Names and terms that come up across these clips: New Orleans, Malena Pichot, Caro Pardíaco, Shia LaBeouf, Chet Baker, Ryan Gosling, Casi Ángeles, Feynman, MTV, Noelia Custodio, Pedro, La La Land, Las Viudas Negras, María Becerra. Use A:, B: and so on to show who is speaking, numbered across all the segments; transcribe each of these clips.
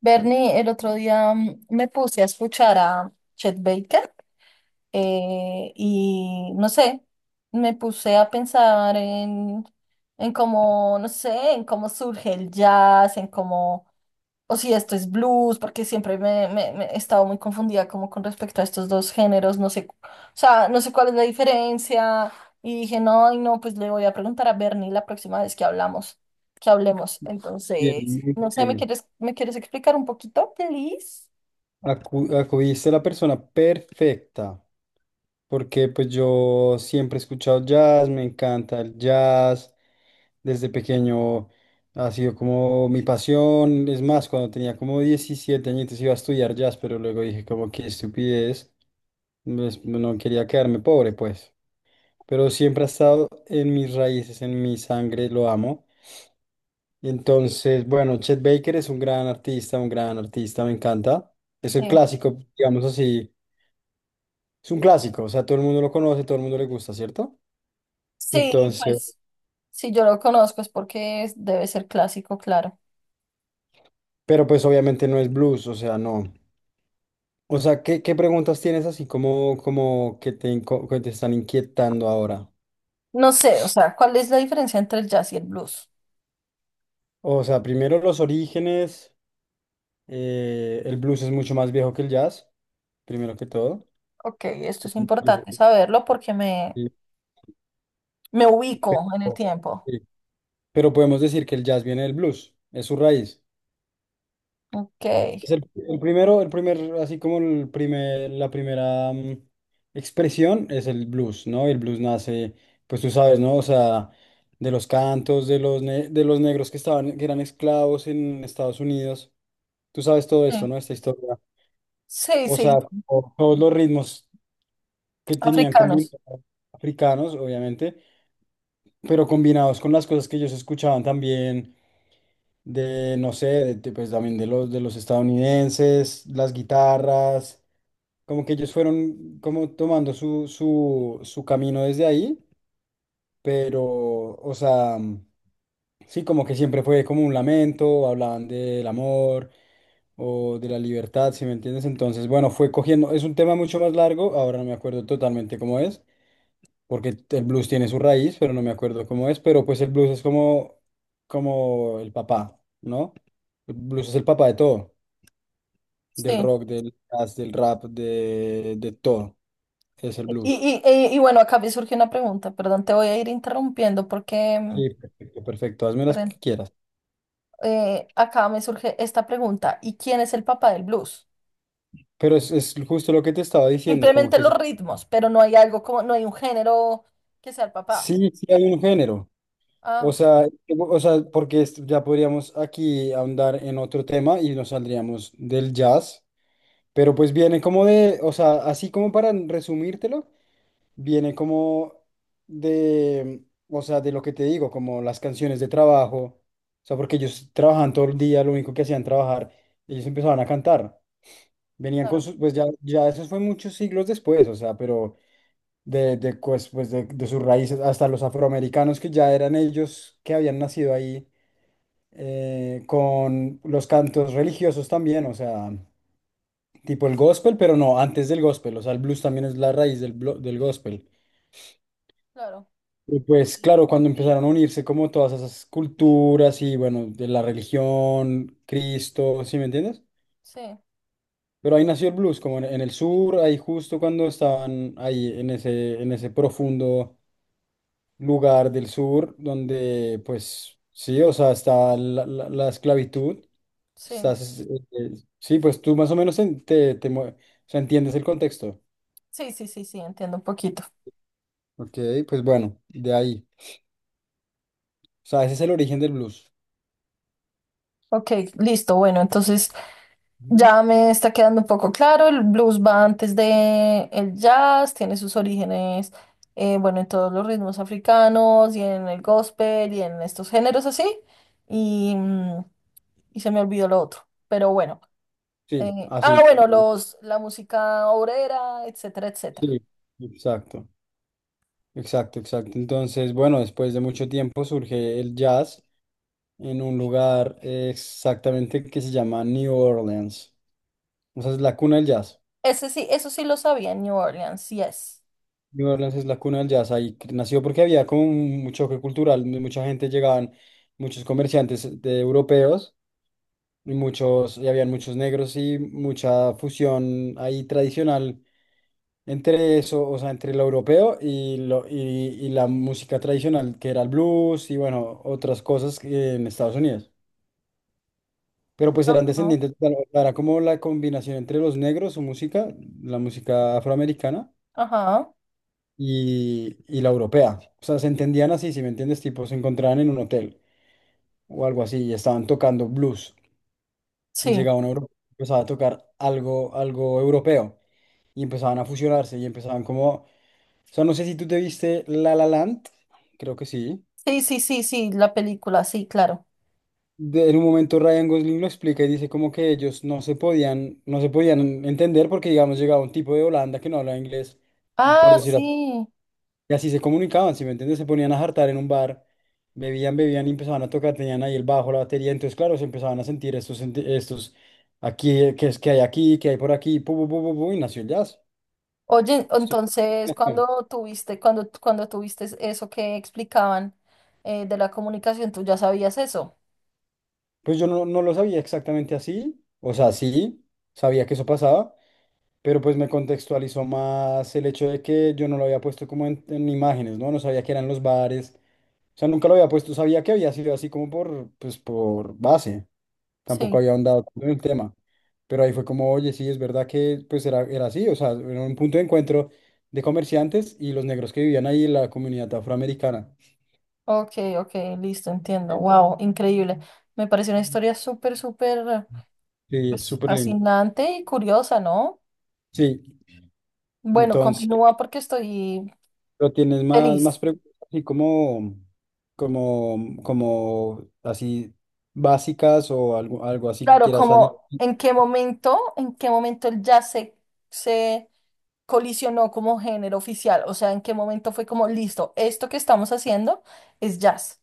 A: Bernie, el otro día me puse a escuchar a Chet Baker y no sé, me puse a pensar en cómo, no sé, en cómo surge el jazz, en cómo o si esto es blues, porque siempre me he estado muy confundida como con respecto a estos dos géneros, no sé, o sea, no sé cuál es la diferencia, y dije, no, y no, pues le voy a preguntar a Bernie la próxima vez que hablemos,
B: Bien,
A: entonces,
B: muy
A: no sé, ¿me
B: bien.
A: quieres, me quieres explicar un poquito, please?
B: Acudiste a la persona perfecta, porque pues yo siempre he escuchado jazz, me encanta el jazz, desde pequeño ha sido como mi pasión, es más, cuando tenía como 17 añitos iba a estudiar jazz, pero luego dije como qué estupidez, pues, no quería quedarme pobre pues, pero siempre ha estado en mis raíces, en mi sangre, lo amo. Y entonces, bueno, Chet Baker es un gran artista, me encanta. Es el
A: Sí,
B: clásico, digamos así, es un clásico, o sea, todo el mundo lo conoce, todo el mundo le gusta, ¿cierto?
A: sí,
B: Entonces,
A: pues, si yo lo conozco es porque debe ser clásico, claro.
B: pero pues obviamente no es blues, o sea, no. O sea, ¿qué preguntas tienes así como, como que te, que te están inquietando ahora?
A: No sé, o sea, ¿cuál es la diferencia entre el jazz y el blues?
B: O sea, primero los orígenes, el blues es mucho más viejo que el jazz, primero que todo.
A: Ok, esto
B: Es
A: es
B: mucho más viejo
A: importante
B: que
A: saberlo porque
B: sí.
A: me ubico en el tiempo.
B: Sí. Pero podemos decir que el jazz viene del blues, es su raíz.
A: Ok.
B: Es el primero, el primer, así como el primer, la primera expresión es el blues, ¿no? El blues nace, pues tú sabes, ¿no? O sea, de los cantos, de los negros que estaban, que eran esclavos en Estados Unidos. Tú sabes todo esto,
A: Sí,
B: ¿no? Esta historia.
A: sí,
B: O sea,
A: sí,
B: todos los ritmos que tenían
A: africanos.
B: combinados africanos, obviamente, pero combinados con las cosas que ellos escuchaban también de, no sé, pues también de los estadounidenses, las guitarras. Como que ellos fueron como tomando su camino desde ahí, pero, o sea, sí, como que siempre fue como un lamento, hablaban del amor o de la libertad, si me entiendes. Entonces, bueno, fue cogiendo, es un tema mucho más largo, ahora no me acuerdo totalmente cómo es, porque el blues tiene su raíz, pero no me acuerdo cómo es, pero pues el blues es como el papá, ¿no? El blues es el papá de todo del
A: Sí.
B: rock, del jazz, del rap, de todo. Es el blues.
A: Y bueno, acá me surge una pregunta, perdón, te voy a ir interrumpiendo porque
B: Sí, perfecto, perfecto. Hazme las que
A: perdón,
B: quieras.
A: acá me surge esta pregunta. ¿Y quién es el papá del blues?
B: Pero es justo lo que te estaba diciendo, como
A: Simplemente
B: que
A: los ritmos, pero no hay algo como, no hay un género que sea el papá.
B: sí, sí hay un género. O
A: Ah,
B: sea, o sea, porque ya podríamos aquí ahondar en otro tema y nos saldríamos del jazz, pero pues viene como de, o sea, así como para resumírtelo, viene como de, o sea, de lo que te digo, como las canciones de trabajo, o sea, porque ellos trabajaban todo el día, lo único que hacían trabajar, ellos empezaban a cantar, venían con
A: claro,
B: sus, pues ya eso fue muchos siglos después, o sea, pero de, pues, pues de sus raíces, hasta los afroamericanos que ya eran ellos que habían nacido ahí, con los cantos religiosos también, o sea, tipo el gospel, pero no, antes del gospel, o sea, el blues también es la raíz del gospel.
A: claro.
B: Y
A: Ok,
B: pues claro, cuando empezaron a unirse como todas esas culturas y bueno, de la religión, Cristo, ¿sí me entiendes?
A: sí,
B: Pero ahí nació el blues, como en el sur, ahí justo cuando estaban ahí en ese profundo lugar del sur, donde pues sí, o sea, está la esclavitud,
A: sí,
B: estás, eh, sí, pues tú más o menos o sea, entiendes el contexto.
A: sí, sí, sí, sí, entiendo un poquito.
B: Ok, pues bueno, de ahí. O sea, ese es el origen del blues.
A: Ok, listo. Bueno, entonces
B: Ujú.
A: ya me está quedando un poco claro. El blues va antes de el jazz, tiene sus orígenes, bueno, en todos los ritmos africanos y en el gospel y en estos géneros así. Y, y se me olvidó lo otro. Pero bueno.
B: Sí,
A: Ah,
B: así.
A: bueno, la música obrera, etcétera, etcétera.
B: Sí, exacto, exacto, exacto. Entonces, bueno, después de mucho tiempo surge el jazz en un lugar exactamente que se llama New Orleans. O sea, es la cuna del jazz.
A: Ese sí, eso sí lo sabía, en New Orleans, yes.
B: New Orleans es la cuna del jazz. Ahí nació porque había como un choque cultural. Mucha gente llegaban, muchos comerciantes de europeos y muchos, y habían muchos negros y mucha fusión ahí tradicional. Entre eso, o sea, entre lo europeo y la música tradicional, que era el blues y bueno, otras cosas que en Estados Unidos. Pero pues eran
A: Ajá.
B: descendientes, claro, era como la combinación entre los negros, su música, la música afroamericana
A: Ajá.
B: y la europea. O sea, se entendían así, si me entiendes, tipo, se encontraban en un hotel o algo así y estaban tocando blues.
A: Sí.
B: Llegaba un europeo, empezaba a tocar algo, algo europeo y empezaban a fusionarse y empezaban como. O sea, no sé si tú te viste La La Land, creo que sí.
A: Sí, sí, sí, sí, la película, sí, claro.
B: En un momento Ryan Gosling lo explica y dice como que ellos no se podían entender porque, digamos, llegaba un tipo de Holanda que no hablaba inglés, por
A: Ah,
B: decir así,
A: sí.
B: y así se comunicaban, ¿si me entiendes? Se ponían a jartar en un bar, bebían, bebían y empezaban a tocar, tenían ahí el bajo, la batería, entonces, claro, se empezaban a sentir estos, aquí, que es que hay aquí, que hay por aquí, pu, pu, pu, pu, pu, y nació el jazz.
A: Oye,
B: Esto-
A: entonces, cuando tuviste eso que explicaban de la comunicación, ¿tú ya sabías eso?
B: Pues yo no lo sabía exactamente así, o sea, sí, sabía que eso pasaba. Pero pues me contextualizó más el hecho de que yo no lo había puesto como en imágenes, ¿no? No sabía que eran los bares. O sea, nunca lo había puesto, sabía que había sido así como por, pues, por base. Tampoco
A: Sí.
B: había ahondado tanto en el tema. Pero ahí fue como, oye, sí, es verdad que pues era así, o sea, era un punto de encuentro de comerciantes y los negros que vivían ahí en la comunidad afroamericana.
A: Ok, ok, listo, entiendo. Wow, increíble. Me pareció una historia súper
B: Sí, es
A: pues,
B: súper lindo.
A: fascinante y curiosa, ¿no?
B: Sí,
A: Bueno,
B: entonces.
A: continúa porque estoy
B: Pero tienes más
A: feliz.
B: preguntas así como, como así básicas o algo así que
A: Claro,
B: quieras añadir.
A: como en qué momento el jazz se, se colisionó como género oficial, o sea, en qué momento fue como, listo, esto que estamos haciendo es jazz.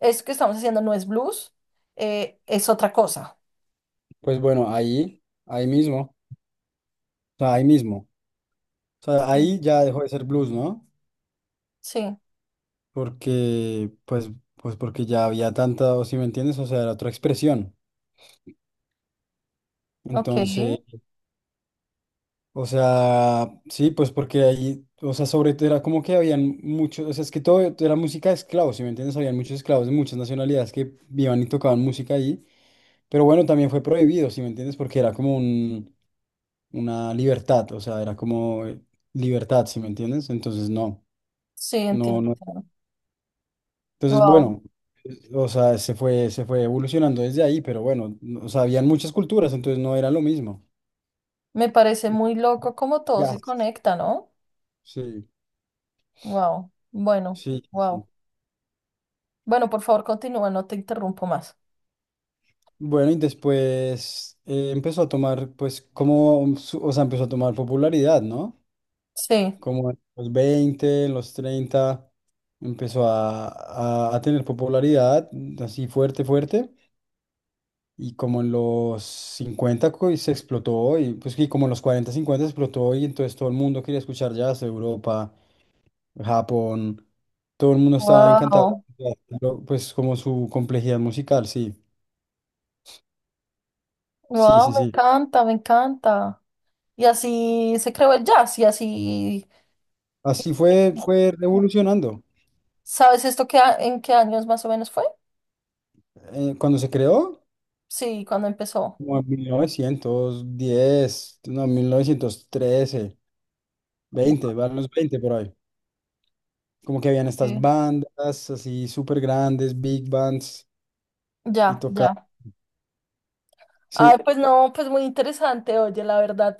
A: Eso que estamos haciendo no es blues, es otra cosa.
B: Pues bueno, ahí mismo, o sea, ahí mismo. O sea,
A: Sí.
B: ahí ya dejó de ser blues, ¿no?
A: Sí,
B: Porque, pues porque ya había tanta, o si me entiendes, o sea, era otra expresión.
A: ok,
B: Entonces. O sea, sí, pues porque ahí, o sea, sobre todo era como que habían muchos, o sea, es que todo era música de esclavos, ¿si me entiendes? Habían muchos esclavos de muchas nacionalidades que iban y tocaban música ahí, pero bueno, también fue prohibido, ¿si me entiendes? Porque era como un, una libertad, o sea, era como libertad, ¿si me entiendes? Entonces, no,
A: sí,
B: no,
A: entiendo.
B: no. Entonces,
A: Wow,
B: bueno, o sea, se fue evolucionando desde ahí, pero bueno, o sea, habían muchas culturas, entonces no era lo mismo.
A: me parece muy loco cómo todo
B: Ya,
A: se conecta, ¿no?
B: sí,
A: Wow, bueno,
B: sí,
A: wow.
B: sí.
A: Bueno, por favor, continúa, no te interrumpo más.
B: Bueno, y después empezó a tomar, pues, como, o sea, empezó a tomar popularidad, ¿no?
A: Sí,
B: Como en los 20 en los 30 empezó a tener popularidad así fuerte, fuerte. Y como en los 50 se explotó, y pues que como en los 40 50 explotó, y entonces todo el mundo quería escuchar jazz, Europa, Japón, todo el mundo estaba encantado,
A: wow,
B: pues como su complejidad musical, sí, sí,
A: wow,
B: sí,
A: me
B: sí.
A: encanta, me encanta. Y así se creó el jazz, y así,
B: Así fue revolucionando.
A: ¿sabes esto, que en qué años más o menos fue?
B: Cuando se creó,
A: Sí, cuando empezó.
B: como en 1910 no, 1913, 20,
A: Ok,
B: van los 20 por ahí. Como que habían estas bandas así súper grandes, big bands, y
A: ya,
B: tocaba.
A: ya.
B: Sí,
A: Ay, pues no, pues muy interesante, oye, la verdad.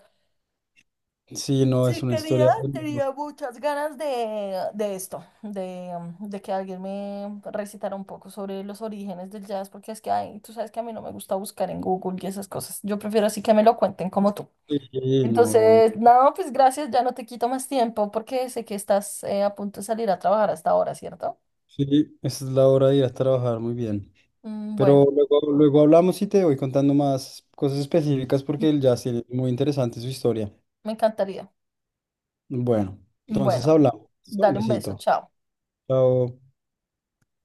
B: sí, no, es
A: Sí
B: una
A: quería,
B: historia.
A: tenía muchas ganas de esto, de, de que alguien me recitara un poco sobre los orígenes del jazz, porque es que, ay, tú sabes que a mí no me gusta buscar en Google y esas cosas. Yo prefiero así que me lo cuenten como tú.
B: Sí, sí, no, obvio.
A: Entonces, no, pues gracias, ya no te quito más tiempo porque sé que estás a punto de salir a trabajar hasta ahora, ¿cierto?
B: Sí, esa es la hora de ir a trabajar, muy bien.
A: Mm,
B: Pero
A: bueno,
B: luego hablamos y te voy contando más cosas específicas porque el jazz tiene muy interesante su historia.
A: me encantaría.
B: Bueno, entonces
A: Bueno,
B: hablamos. Un
A: dale un beso,
B: besito.
A: chao.
B: Chao.